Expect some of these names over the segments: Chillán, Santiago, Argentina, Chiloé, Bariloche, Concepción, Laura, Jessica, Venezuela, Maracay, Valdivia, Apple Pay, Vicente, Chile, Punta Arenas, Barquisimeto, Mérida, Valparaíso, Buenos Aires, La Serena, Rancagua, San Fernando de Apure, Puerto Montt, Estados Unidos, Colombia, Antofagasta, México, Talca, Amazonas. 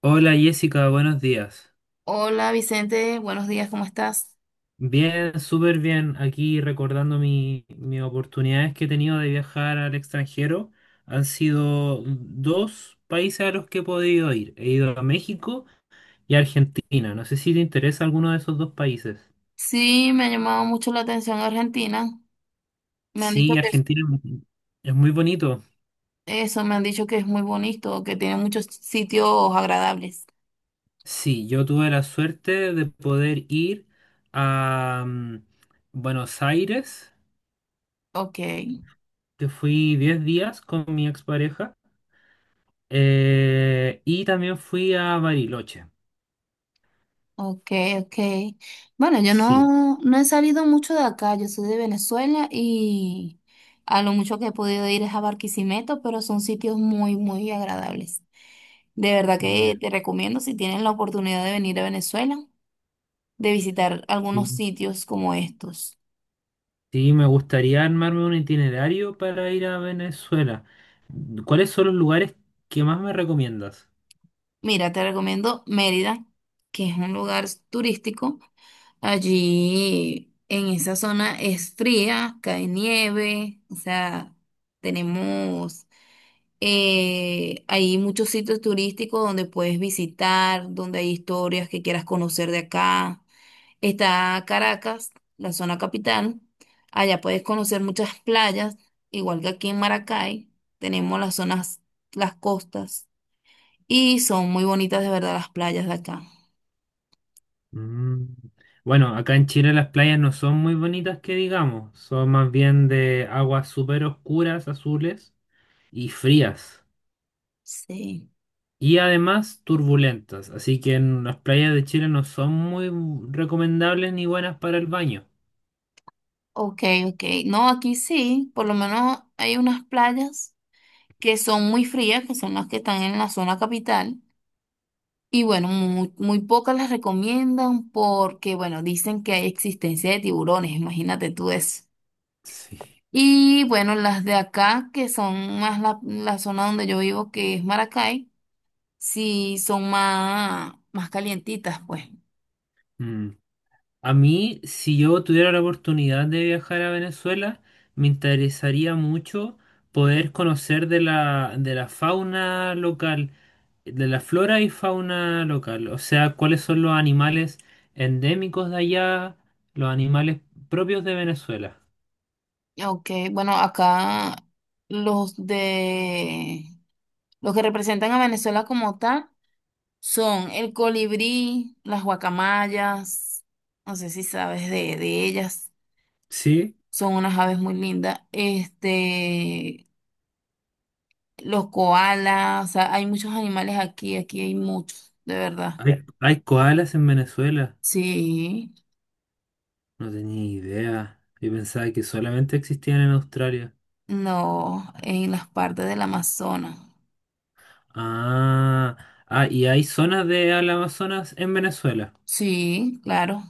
Hola Jessica, buenos días. Hola Vicente, buenos días, ¿cómo estás? Bien, súper bien. Aquí recordando mis oportunidades que he tenido de viajar al extranjero. Han sido dos países a los que he podido ir. He ido a México y a Argentina. No sé si te interesa alguno de esos dos países. Sí, me ha llamado mucho la atención Argentina. Me han dicho Sí, que es- Argentina es muy bonito. eso, me han dicho que es muy bonito, que tiene muchos sitios agradables. Sí, yo tuve la suerte de poder ir a Buenos Aires, Ok, que fui 10 días con mi expareja. Y también fui a Bariloche. ok, ok. Bueno, yo Sí. no, no he salido mucho de acá, yo soy de Venezuela y a lo mucho que he podido ir es a Barquisimeto, pero son sitios muy, muy agradables. De verdad Ya. que te recomiendo si tienes la oportunidad de venir a Venezuela, de visitar Sí, algunos sitios como estos. sí, me gustaría armarme un itinerario para ir a Venezuela. ¿Cuáles son los lugares que más me recomiendas? Mira, te recomiendo Mérida, que es un lugar turístico. Allí en esa zona es fría, cae nieve, o sea, tenemos, hay muchos sitios turísticos donde puedes visitar, donde hay historias que quieras conocer de acá. Está Caracas, la zona capital. Allá puedes conocer muchas playas, igual que aquí en Maracay. Tenemos las zonas, las costas. Y son muy bonitas de verdad las playas de acá. Mm. Bueno, acá en Chile las playas no son muy bonitas que digamos, son más bien de aguas súper oscuras, azules y frías. Sí. Y además turbulentas, así que en las playas de Chile no son muy recomendables ni buenas para el baño. Ok, ok. No, aquí sí, por lo menos hay unas playas que son muy frías, que son las que están en la zona capital. Y bueno, muy, muy pocas las recomiendan porque, bueno, dicen que hay existencia de tiburones, imagínate tú eso. Sí. Y bueno, las de acá, que son más la zona donde yo vivo, que es Maracay, sí son más, más calientitas, pues. Mm. A mí, si yo tuviera la oportunidad de viajar a Venezuela, me interesaría mucho poder conocer de la fauna local, de la flora y fauna local, o sea, cuáles son los animales endémicos de allá, los animales propios de Venezuela. Ok, bueno, acá los de los que representan a Venezuela como tal son el colibrí, las guacamayas, no sé si sabes de ellas, Sí, son unas aves muy lindas. Este, los koalas, o sea, hay muchos animales aquí, aquí hay muchos, de verdad. hay koalas en Venezuela. Sí, No tenía idea. Yo pensaba que solamente existían en Australia. no, en las partes del Amazonas. Ah, ah, y hay zonas de al Amazonas en Venezuela. Sí, claro.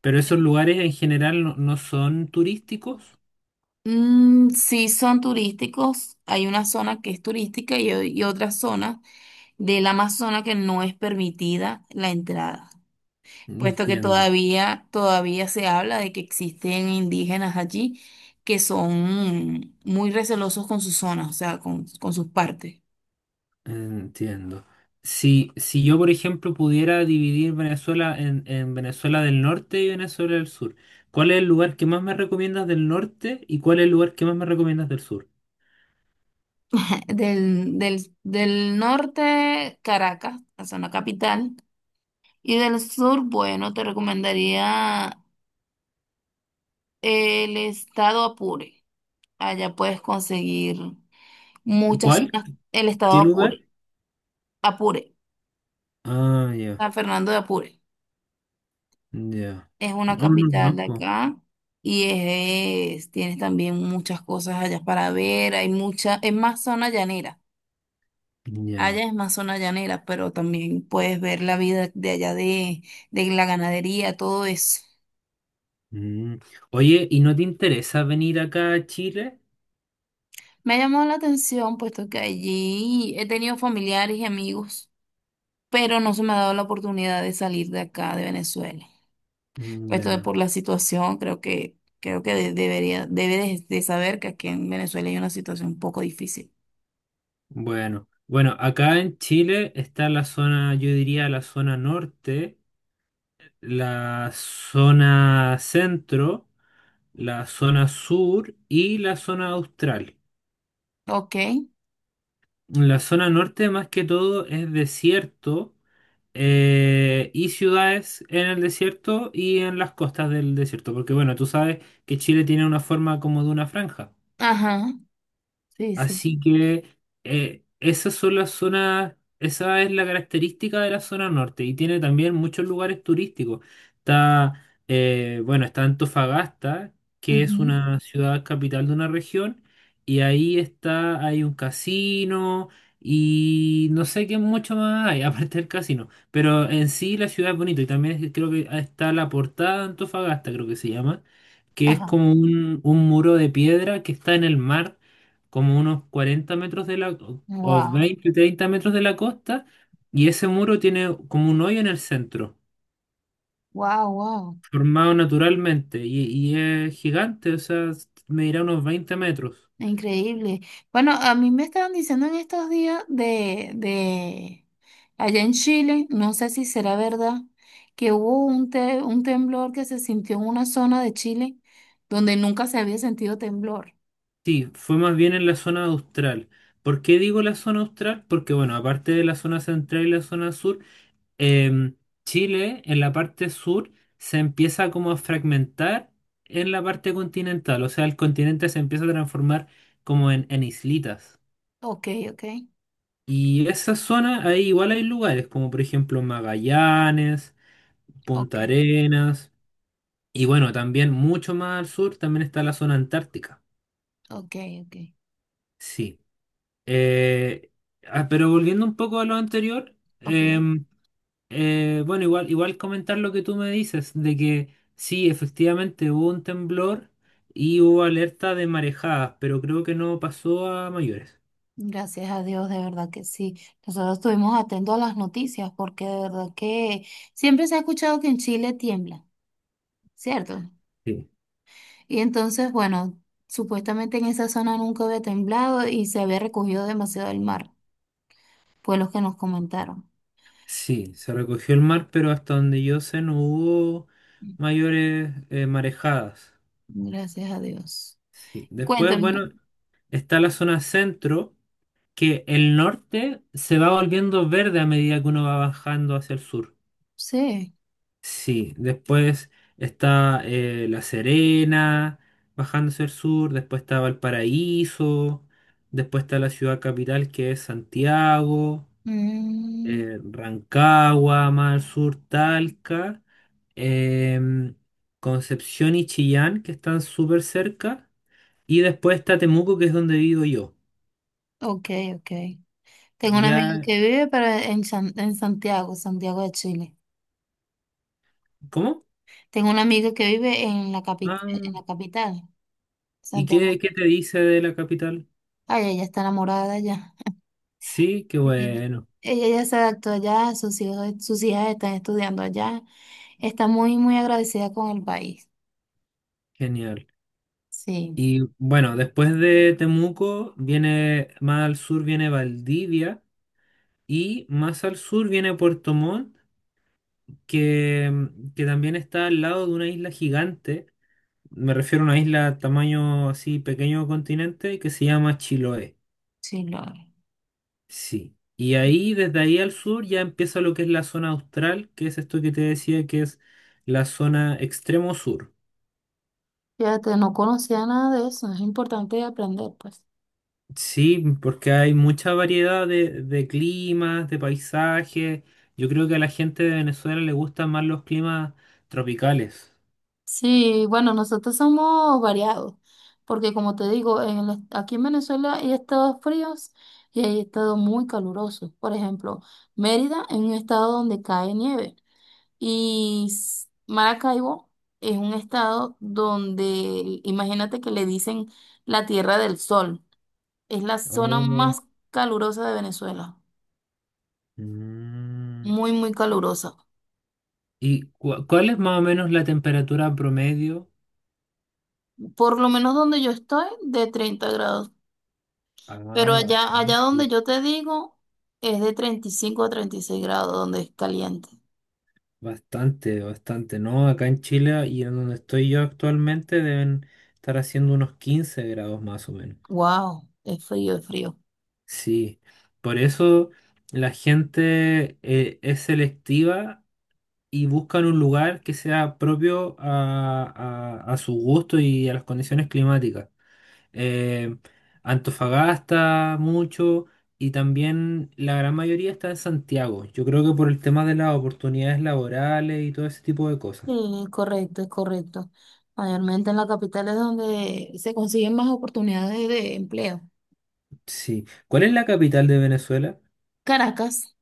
Pero esos lugares en general no, no son turísticos. Mm, sí, son turísticos. Hay una zona que es turística y, o- y otra zona del Amazonas que no es permitida la entrada, puesto que Entiendo, todavía se habla de que existen indígenas allí que son muy recelosos con sus zonas, o sea, con sus partes. entiendo. Si, si yo, por ejemplo, pudiera dividir Venezuela en Venezuela del Norte y Venezuela del Sur, ¿cuál es el lugar que más me recomiendas del norte y cuál es el lugar que más me recomiendas del sur? Del norte, Caracas, la zona capital, y del sur, bueno, te recomendaría el estado Apure. Allá puedes conseguir muchas ¿Cuál? zonas. El ¿Qué estado de lugar? Apure, Apure, Ah, ya, San Fernando de Apure, ya. es una No, no, no, capital de po. acá y es, tienes también muchas cosas allá para ver. Hay mucha, es más zona llanera. Allá Ya. es más zona llanera, pero también puedes ver la vida de allá de la ganadería, todo eso. Mm. Oye, ¿y no te interesa venir acá a Chile? Me ha llamado la atención, puesto que allí he tenido familiares y amigos, pero no se me ha dado la oportunidad de salir de acá, de Venezuela. Mm. Esto de Ya. por la situación, creo que de- debería, debes de saber que aquí en Venezuela hay una situación un poco difícil. Bueno, bueno, acá en Chile está la zona, yo diría la zona norte, la zona centro, la zona sur y la zona austral. Ok. La zona norte más que todo es desierto y ciudades en el desierto y en las costas del desierto, porque bueno, tú sabes que Chile tiene una forma como de una franja. Ajá. Sí, sí. Así que esas son las zonas, esa es la característica de la zona norte y tiene también muchos lugares turísticos. Está, bueno, está Antofagasta, que es Ujú. una ciudad capital de una región, y ahí está, hay un casino y no sé qué mucho más hay, aparte del casino. Pero en sí la ciudad es bonita y también creo que está la portada de Antofagasta, creo que se llama, que es Ajá. como un muro de piedra que está en el mar como unos 40 metros de la, o Wow. 20 30 metros de la costa, y ese muro tiene como un hoyo en el centro, Wow, wow. formado naturalmente, y es gigante, o sea, medirá unos 20 metros. Increíble. Bueno, a mí me estaban diciendo en estos días de allá en Chile, no sé si será verdad, que hubo un, te- un temblor que se sintió en una zona de Chile donde nunca se había sentido temblor. Sí, fue más bien en la zona austral. ¿Por qué digo la zona austral? Porque, bueno, aparte de la zona central y la zona sur, em, Chile en la parte sur se empieza como a fragmentar en la parte continental, o sea, el continente se empieza a transformar como en islitas. Ok, ok, Y esa zona, ahí igual hay lugares, como por ejemplo Magallanes, Punta ok, Arenas, y bueno, también mucho más al sur también está la zona antártica. ok, ok. Sí. Eh, pero volviendo un poco a lo anterior, Ok, em, bueno, igual, igual comentar lo que tú me dices, de que sí, efectivamente hubo un temblor y hubo alerta de marejadas, pero creo que no pasó a mayores. gracias a Dios, de verdad que sí. Nosotros estuvimos atentos a las noticias porque de verdad que siempre se ha escuchado que en Chile tiembla, ¿cierto? Sí. Y entonces, bueno, supuestamente en esa zona nunca había temblado y se había recogido demasiado el mar, fue lo que nos comentaron. Sí, se recogió el mar, pero hasta donde yo sé no hubo mayores marejadas. Gracias a Dios. Sí. Después, Cuéntame, bueno, está la zona centro, que el norte se va volviendo verde a medida que uno va bajando hacia el sur. sí. Sí, después está La Serena, bajando hacia el sur, después está Valparaíso, después está la ciudad capital que es Santiago. Mm, Rancagua, más al sur, Talca, em, Concepción y Chillán, que están súper cerca, y después está Temuco, que es donde vivo yo. ok, ok. Tengo una amiga Ya, que vive para, en, San- en Santiago, Santiago de Chile. ¿cómo? Tengo una amiga que vive en la capital, en Ah, la capital. ¿y Santiago. qué, te dice de la capital? Ay, ella está enamorada ya. Sí, qué Ella bueno, ella ya se adaptó allá, sus hijos, sus hijas están estudiando allá. Está muy, muy agradecida con el país. genial. Sí, Y bueno, después de Temuco viene, más al sur viene Valdivia y más al sur viene Puerto Montt, que, que también está al lado de una isla gigante. Me refiero a una isla tamaño así pequeño continente que se llama Chiloé. sí, Laura. Sí. Y ahí, desde ahí al sur, ya empieza lo que es la zona austral, que es esto que te decía que es la zona extremo sur. Fíjate, no conocía nada de eso. Es importante aprender, pues. Sí, porque hay mucha variedad de climas, de paisajes. Yo creo que a la gente de Venezuela le gustan más los climas tropicales. Sí, bueno, nosotros somos variados, porque como te digo, en el- est- aquí en Venezuela hay estados fríos y hay estados muy calurosos. Por ejemplo, Mérida es un estado donde cae nieve. Y s- Maracaibo es un estado donde, imagínate que le dicen la Tierra del Sol. Es la zona Oh. más calurosa de Venezuela. Mm. Muy, muy calurosa. ¿Y cuál es más o menos la temperatura promedio? Por lo menos donde yo estoy, de 30 grados. Pero Ah, allá, allá bastante. donde yo te digo, es de 35 a 36 grados, donde es caliente. Bastante, bastante, ¿no? Acá en Chile y en donde estoy yo actualmente deben estar haciendo unos 15 grados más o menos. Wow, es frío, es frío. Sí, por eso la gente es selectiva y buscan un lugar que sea propio a su gusto y a las condiciones climáticas. Eh, Antofagasta mucho y también la gran mayoría está en Santiago. Yo creo que por el tema de las oportunidades laborales y todo ese tipo de cosas. Sí, correcto, es correcto. Mayormente en la capital es donde se consiguen más oportunidades de empleo. Sí. ¿Cuál es la capital de Venezuela? Caracas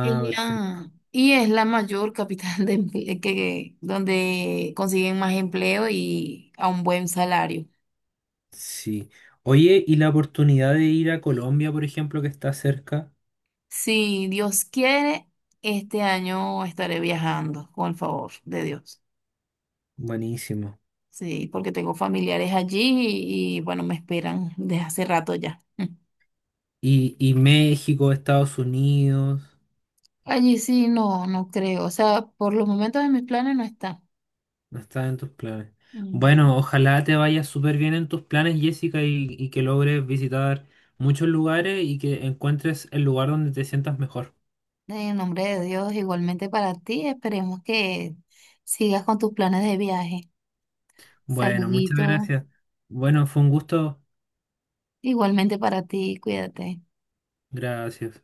es perfecto. la- y es la mayor capital de emple- que, donde consiguen más empleo y a un buen salario. Sí. Oye, ¿y la oportunidad de ir a Colombia, por ejemplo, que está cerca? Si Dios quiere, este año estaré viajando, con el favor de Dios. Buenísimo. Sí, porque tengo familiares allí y, bueno, me esperan desde hace rato ya. Y México, Estados Unidos, Mm. Allí sí, no, no creo. O sea, por los momentos de mis planes no está. no está en tus planes. Mm. Bueno, ojalá te vaya súper bien en tus planes, Jessica, y que logres visitar muchos lugares y que encuentres el lugar donde te sientas mejor. En nombre de Dios, igualmente para ti, esperemos que sigas con tus planes de viaje. Bueno, muchas Saludito. gracias. Bueno, fue un gusto. Igualmente para ti, cuídate. Gracias.